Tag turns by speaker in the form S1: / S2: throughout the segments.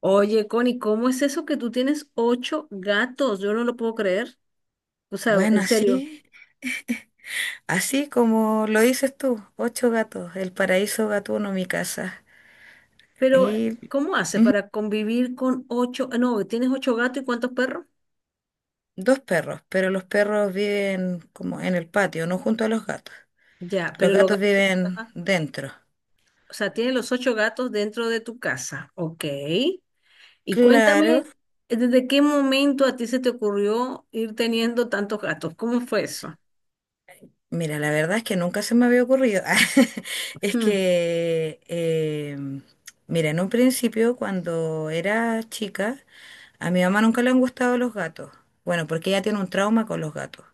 S1: Oye, Connie, ¿cómo es eso que tú tienes ocho gatos? Yo no lo puedo creer. O sea,
S2: Bueno,
S1: en serio.
S2: así, así como lo dices tú, ocho gatos, el paraíso gatuno, mi casa,
S1: Pero,
S2: y
S1: ¿cómo haces para convivir con ocho? Ah, no, ¿tienes ocho gatos y cuántos perros?
S2: dos perros, pero los perros viven como en el patio, no junto a los gatos.
S1: Ya,
S2: Los
S1: pero los
S2: gatos
S1: gatos,
S2: viven
S1: ajá.
S2: dentro.
S1: O sea, tienes los ocho gatos dentro de tu casa. Ok. Y
S2: Claro,
S1: cuéntame, ¿desde qué momento a ti se te ocurrió ir teniendo tantos gatos? ¿Cómo fue eso?
S2: mira, la verdad es que nunca se me había ocurrido. Es
S1: Hmm.
S2: que, mira, en un principio, cuando era chica, a mi mamá nunca le han gustado los gatos. Bueno, porque ella tiene un trauma con los gatos.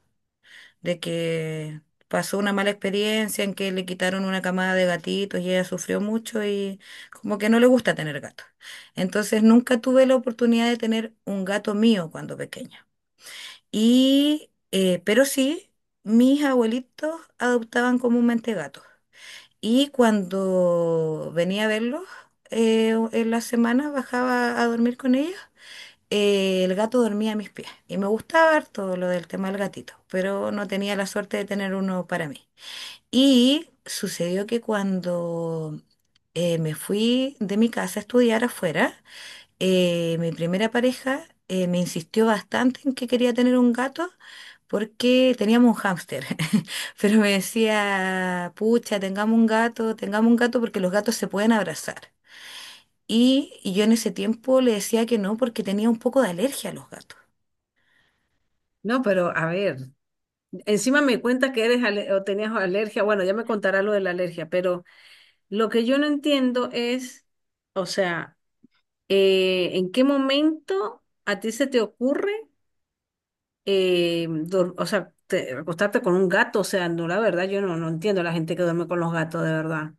S2: De que pasó una mala experiencia en que le quitaron una camada de gatitos y ella sufrió mucho y como que no le gusta tener gatos. Entonces nunca tuve la oportunidad de tener un gato mío cuando pequeña. Y, pero sí, mis abuelitos adoptaban comúnmente gatos. Y cuando venía a verlos en las semanas bajaba a dormir con ellos, el gato dormía a mis pies y me gustaba ver todo lo del tema del gatito, pero no tenía la suerte de tener uno para mí. Y sucedió que cuando me fui de mi casa a estudiar afuera, mi primera pareja me insistió bastante en que quería tener un gato porque teníamos un hámster, pero me decía, pucha, tengamos un gato porque los gatos se pueden abrazar. Y yo en ese tiempo le decía que no porque tenía un poco de alergia a los gatos.
S1: No, pero a ver, encima me cuentas que o tenías alergia. Bueno, ya me contarás lo de la alergia, pero... Lo que yo no entiendo es, o sea, ¿en qué momento a ti se te ocurre, o sea, acostarte con un gato? O sea, no, la verdad, yo no, no entiendo a la gente que duerme con los gatos, de verdad.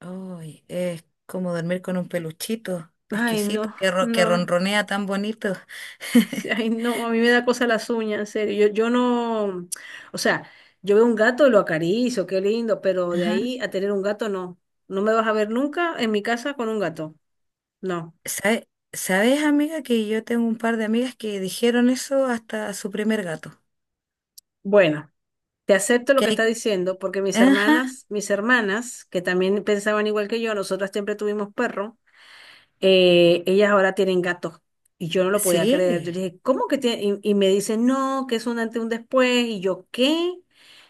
S2: Uy, es como dormir con un peluchito
S1: Ay,
S2: exquisito
S1: no,
S2: que, ro- que
S1: no,
S2: ronronea tan bonito.
S1: sí, ay, no, a mí me da cosa las uñas, en serio. Yo no, o sea, yo veo un gato y lo acaricio, qué lindo, pero de
S2: Ajá.
S1: ahí a tener un gato, no. No me vas a ver nunca en mi casa con un gato, no.
S2: ¿Sabe- ¿Sabes, amiga, que yo tengo un par de amigas que dijeron eso hasta a su primer gato?
S1: Bueno. Te acepto lo
S2: Que
S1: que está
S2: hay...
S1: diciendo porque mis
S2: Ajá,
S1: hermanas, mis hermanas, que también pensaban igual que yo, nosotras siempre tuvimos perro, ellas ahora tienen gatos. Y yo no lo podía creer.
S2: sí,
S1: Yo dije, ¿cómo que tiene? Y me dicen, no, que es un antes y un después. Y yo, ¿qué?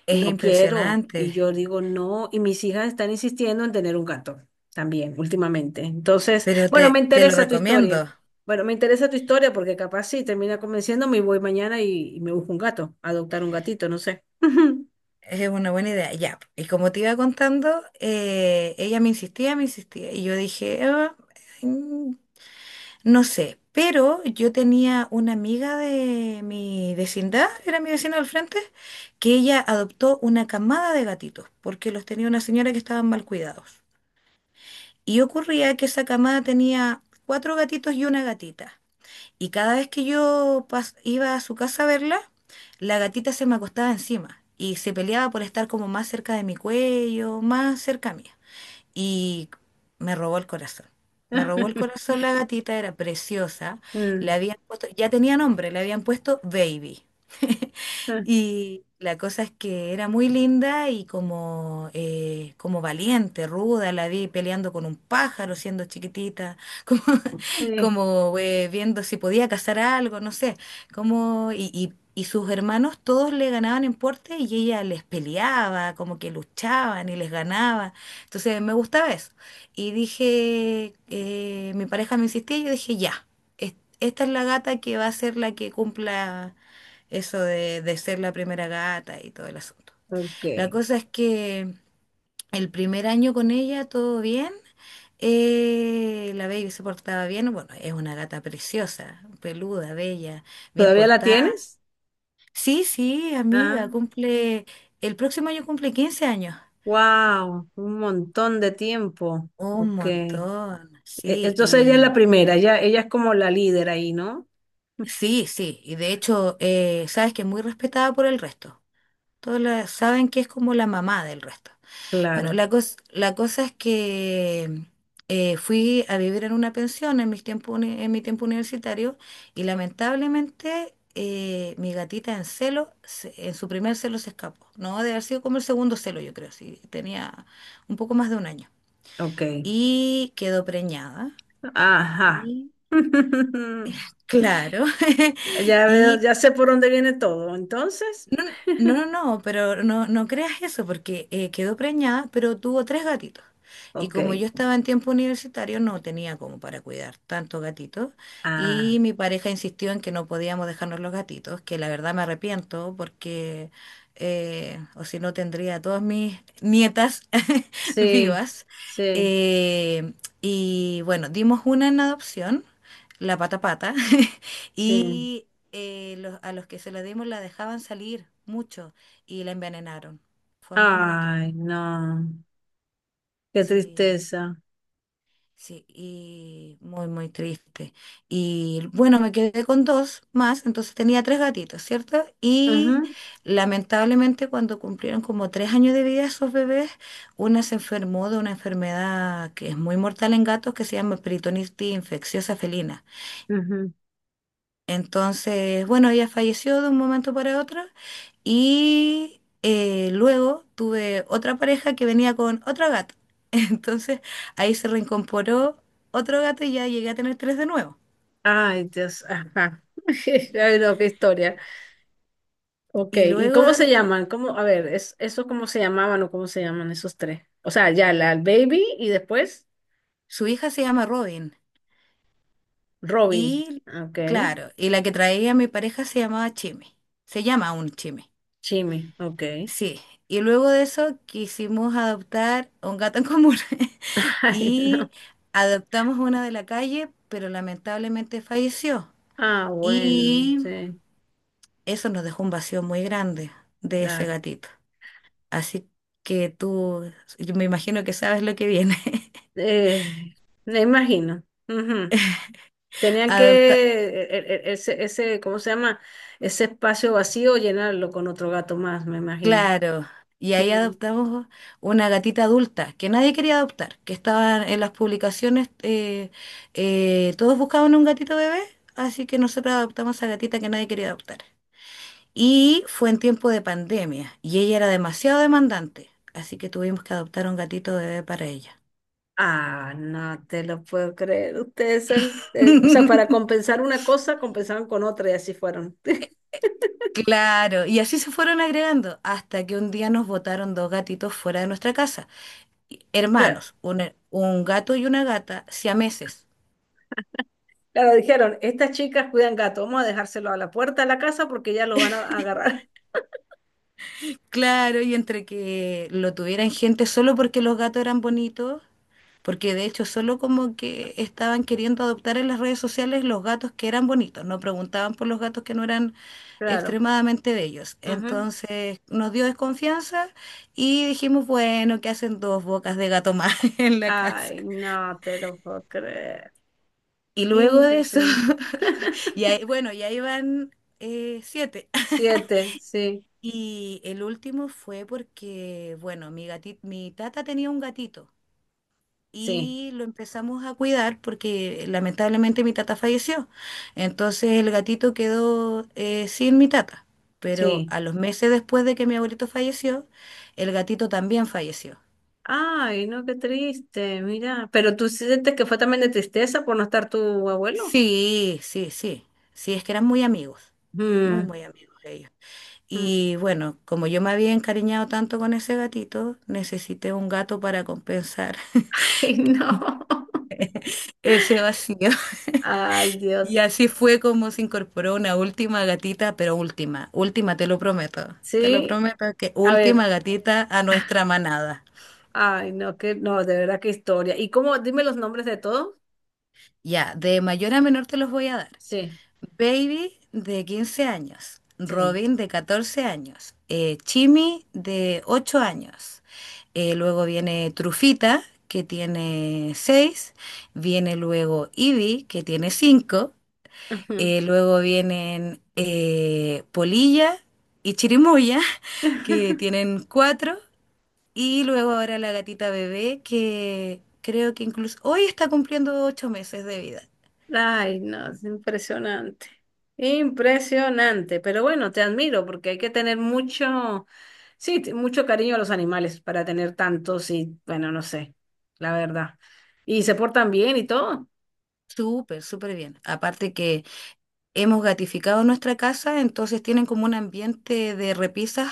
S2: es
S1: No quiero. Y
S2: impresionante,
S1: yo digo, no. Y mis hijas están insistiendo en tener un gato también últimamente. Entonces,
S2: pero
S1: bueno, me
S2: te lo
S1: interesa tu historia.
S2: recomiendo.
S1: Bueno, me interesa tu historia porque capaz sí termina convenciéndome y voy mañana y me busco un gato, adoptar un gatito, no sé.
S2: Es una buena idea. Ya, y como te iba contando, ella me insistía, y yo dije, "Ah, mm, no sé, pero yo tenía una amiga de mi vecindad, era mi vecina al frente, que ella adoptó una camada de gatitos, porque los tenía una señora que estaban mal cuidados. Y ocurría que esa camada tenía cuatro gatitos y una gatita. Y cada vez que yo pas- iba a su casa a verla, la gatita se me acostaba encima y se peleaba por estar como más cerca de mi cuello, más cerca mía y me robó el corazón. Me robó el corazón la gatita, era preciosa. Le
S1: Mm,
S2: habían puesto, ya tenía nombre, le habían puesto Baby.
S1: ah,
S2: Y la cosa es que era muy linda y como, como valiente, ruda, la vi peleando con un pájaro siendo chiquitita, como,
S1: sí,
S2: como viendo si podía cazar algo, no sé, como, y sus hermanos todos le ganaban en porte y ella les peleaba, como que luchaban y les ganaba. Entonces me gustaba eso. Y dije, mi pareja me insistía y yo dije, ya, es- esta es la gata que va a ser la que cumpla eso de ser la primera gata y todo el asunto.
S1: ok.
S2: La cosa es que el primer año con ella todo bien. La baby se portaba bien. Bueno, es una gata preciosa, peluda, bella, bien
S1: ¿Todavía la
S2: portada.
S1: tienes?
S2: Sí, sí, amiga,
S1: Ah,
S2: el próximo año cumple 15 años.
S1: wow, un montón de tiempo.
S2: Un
S1: Ok.
S2: montón, sí,
S1: Entonces ella es la
S2: y
S1: primera, ella es como la líder ahí, ¿no?
S2: sí, sí, y de hecho, sabes que es muy respetada por el resto. Todos la- saben que es como la mamá del resto. Bueno,
S1: Claro,
S2: la cosa es que fui a vivir en una pensión en mi tiempo universitario y lamentablemente mi gatita en su primer celo se escapó. No, debe haber sido como el segundo celo, yo creo, sí, tenía un poco más de un año.
S1: ok.
S2: Y quedó preñada.
S1: Ajá.
S2: Y claro,
S1: Ya veo,
S2: y
S1: ya sé por dónde viene todo, entonces.
S2: No, no, no, pero no, no creas eso, porque quedó preñada, pero tuvo tres gatitos. Y
S1: Ok.
S2: como yo estaba en tiempo universitario, no tenía como para cuidar tantos gatitos.
S1: Ah,
S2: Y mi pareja insistió en que no podíamos dejarnos los gatitos, que la verdad me arrepiento, porque o si no tendría a todas mis nietas
S1: sí,
S2: vivas.
S1: sí,
S2: Eh, y bueno, dimos una en adopción, la pata pata,
S1: sí.
S2: y a los que se la dimos la dejaban salir mucho y la envenenaron. Fue muy, muy triste.
S1: Ay, no. Qué
S2: Sí,
S1: tristeza.
S2: sí, y muy, muy triste. Y bueno, me quedé con dos más, entonces tenía tres gatitos, ¿cierto? Y
S1: Ujú,
S2: lamentablemente cuando cumplieron como 3 años de vida esos bebés, una se enfermó de una enfermedad que es muy mortal en gatos que se llama peritonitis infecciosa felina.
S1: ujú.
S2: Entonces, bueno, ella falleció de un momento para otro y luego tuve otra pareja que venía con otro gato. Entonces, ahí se reincorporó otro gato y ya llegué a tener tres de nuevo.
S1: Ay, Dios, ajá. Ay, no, qué historia. Ok,
S2: Y
S1: ¿y cómo
S2: luego
S1: se llaman? ¿Cómo, a ver, es, eso cómo se llamaban o cómo se llaman esos tres? O sea, ya, la el baby y después
S2: su hija se llama Robin
S1: Robin.
S2: y,
S1: Ok,
S2: claro, y la que traía a mi pareja se llamaba Chime. Se llama aún Chime.
S1: Jimmy, ok.
S2: Sí, y luego de eso quisimos adoptar a un gato en común
S1: Ay, no.
S2: y adoptamos una de la calle, pero lamentablemente falleció
S1: Ah, bueno,
S2: y
S1: sí,
S2: eso nos dejó un vacío muy grande de ese
S1: claro.
S2: gatito. Así que tú, yo me imagino que sabes lo que viene.
S1: Eh, Me imagino. Ujú. Tenían que,
S2: Adopta-
S1: ese, ¿cómo se llama? Ese espacio vacío llenarlo con otro gato más, me imagino.
S2: Claro, y ahí adoptamos una gatita adulta que nadie quería adoptar, que estaba en las publicaciones, todos buscaban un gatito bebé, así que nosotros adoptamos a esa gatita que nadie quería adoptar. Y fue en tiempo de pandemia, y ella era demasiado demandante, así que tuvimos que adoptar un gatito bebé para ella.
S1: Ah, no te lo puedo creer. Ustedes han, o sea, para compensar una cosa, compensaban con otra y así fueron.
S2: Claro, y así se fueron agregando hasta que un día nos botaron dos gatitos fuera de nuestra casa,
S1: Claro,
S2: hermanos, un gato y una gata, siameses.
S1: claro, dijeron, estas chicas cuidan gato, vamos a dejárselo a la puerta de la casa porque ya lo van a agarrar.
S2: Claro, y entre que lo tuvieran gente solo porque los gatos eran bonitos, porque de hecho solo como que estaban queriendo adoptar en las redes sociales los gatos que eran bonitos, no preguntaban por los gatos que no eran
S1: Claro.
S2: extremadamente bellos.
S1: Ujú.
S2: Entonces nos dio desconfianza y dijimos, bueno, ¿qué hacen dos bocas de gato más en la casa?
S1: Ay, no te lo puedo creer.
S2: Y luego de eso,
S1: Impresionante.
S2: y bueno, ya iban siete.
S1: Siete, sí,
S2: Y el último fue porque, bueno, mi tata tenía un gatito.
S1: sí,
S2: Y lo empezamos a cuidar porque lamentablemente mi tata falleció. Entonces el gatito quedó sin mi tata. Pero
S1: sí.
S2: a los meses después de que mi abuelito falleció, el gatito también falleció.
S1: Ay, no, qué triste, mira. Pero tú sientes que fue también de tristeza por no estar tu abuelo.
S2: Sí, sí, sí. Sí, es que eran muy amigos, muy,
S1: Mm,
S2: muy amigos ellos.
S1: mm.
S2: Y bueno, como yo me había encariñado tanto con ese gatito, necesité un gato para compensar
S1: Ay, no.
S2: ese vacío.
S1: Ay,
S2: Y
S1: Dios.
S2: así fue como se incorporó una última gatita, pero última, última, te lo prometo. Te lo
S1: Sí,
S2: prometo que
S1: a ver,
S2: última gatita a nuestra manada.
S1: ay, no, que no, de verdad qué historia. ¿Y cómo? Dime los nombres de todos.
S2: Ya, de mayor a menor te los voy a dar.
S1: Sí,
S2: Baby de 15 años,
S1: sí.
S2: Robin de 14 años, Chimi de 8 años. Luego viene Trufita, que tiene 6. Viene luego Ivy, que tiene 5.
S1: Ujú.
S2: Luego vienen Polilla y Chirimoya, que tienen cuatro. Y luego ahora la gatita bebé, que creo que incluso hoy está cumpliendo 8 meses de vida.
S1: Ay, no, es impresionante. Impresionante, pero bueno, te admiro porque hay que tener mucho, sí, mucho cariño a los animales para tener tantos y, bueno, no sé, la verdad. Y se portan bien y todo.
S2: Súper, súper bien. Aparte que hemos gatificado nuestra casa, entonces tienen como un ambiente de repisas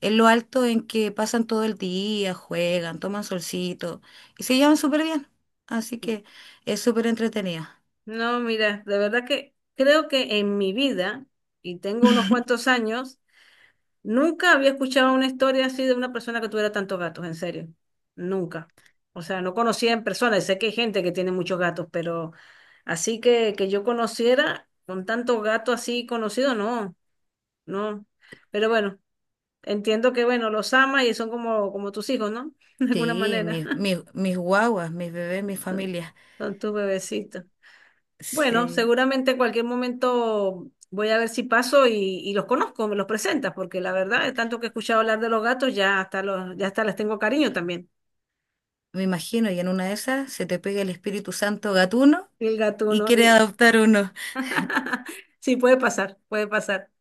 S2: en lo alto en que pasan todo el día, juegan, toman solcito y se llevan súper bien. Así
S1: Sí.
S2: que es súper entretenido.
S1: No, mira, de verdad que creo que en mi vida, y tengo unos cuantos años. Nunca había escuchado una historia así de una persona que tuviera tantos gatos, en serio. Nunca. O sea, no conocía en persona. Y sé que hay gente que tiene muchos gatos, pero así que, yo conociera con tanto gato así conocido, no, no. Pero bueno, entiendo que, bueno, los ama y son como tus hijos, ¿no? De alguna
S2: Sí,
S1: manera.
S2: mis, mis, mis guaguas, mis bebés, mis
S1: Son,
S2: familias.
S1: son tus bebecitos. Bueno,
S2: Sí,
S1: seguramente en cualquier momento voy a ver si paso y los conozco, me los presentas, porque la verdad, de tanto que he escuchado hablar de los gatos, ya hasta les tengo cariño también.
S2: me imagino, y en una de esas se te pega el Espíritu Santo gatuno
S1: Y el
S2: y
S1: gatuno,
S2: quiere
S1: y
S2: adoptar uno.
S1: sí, puede pasar, puede pasar.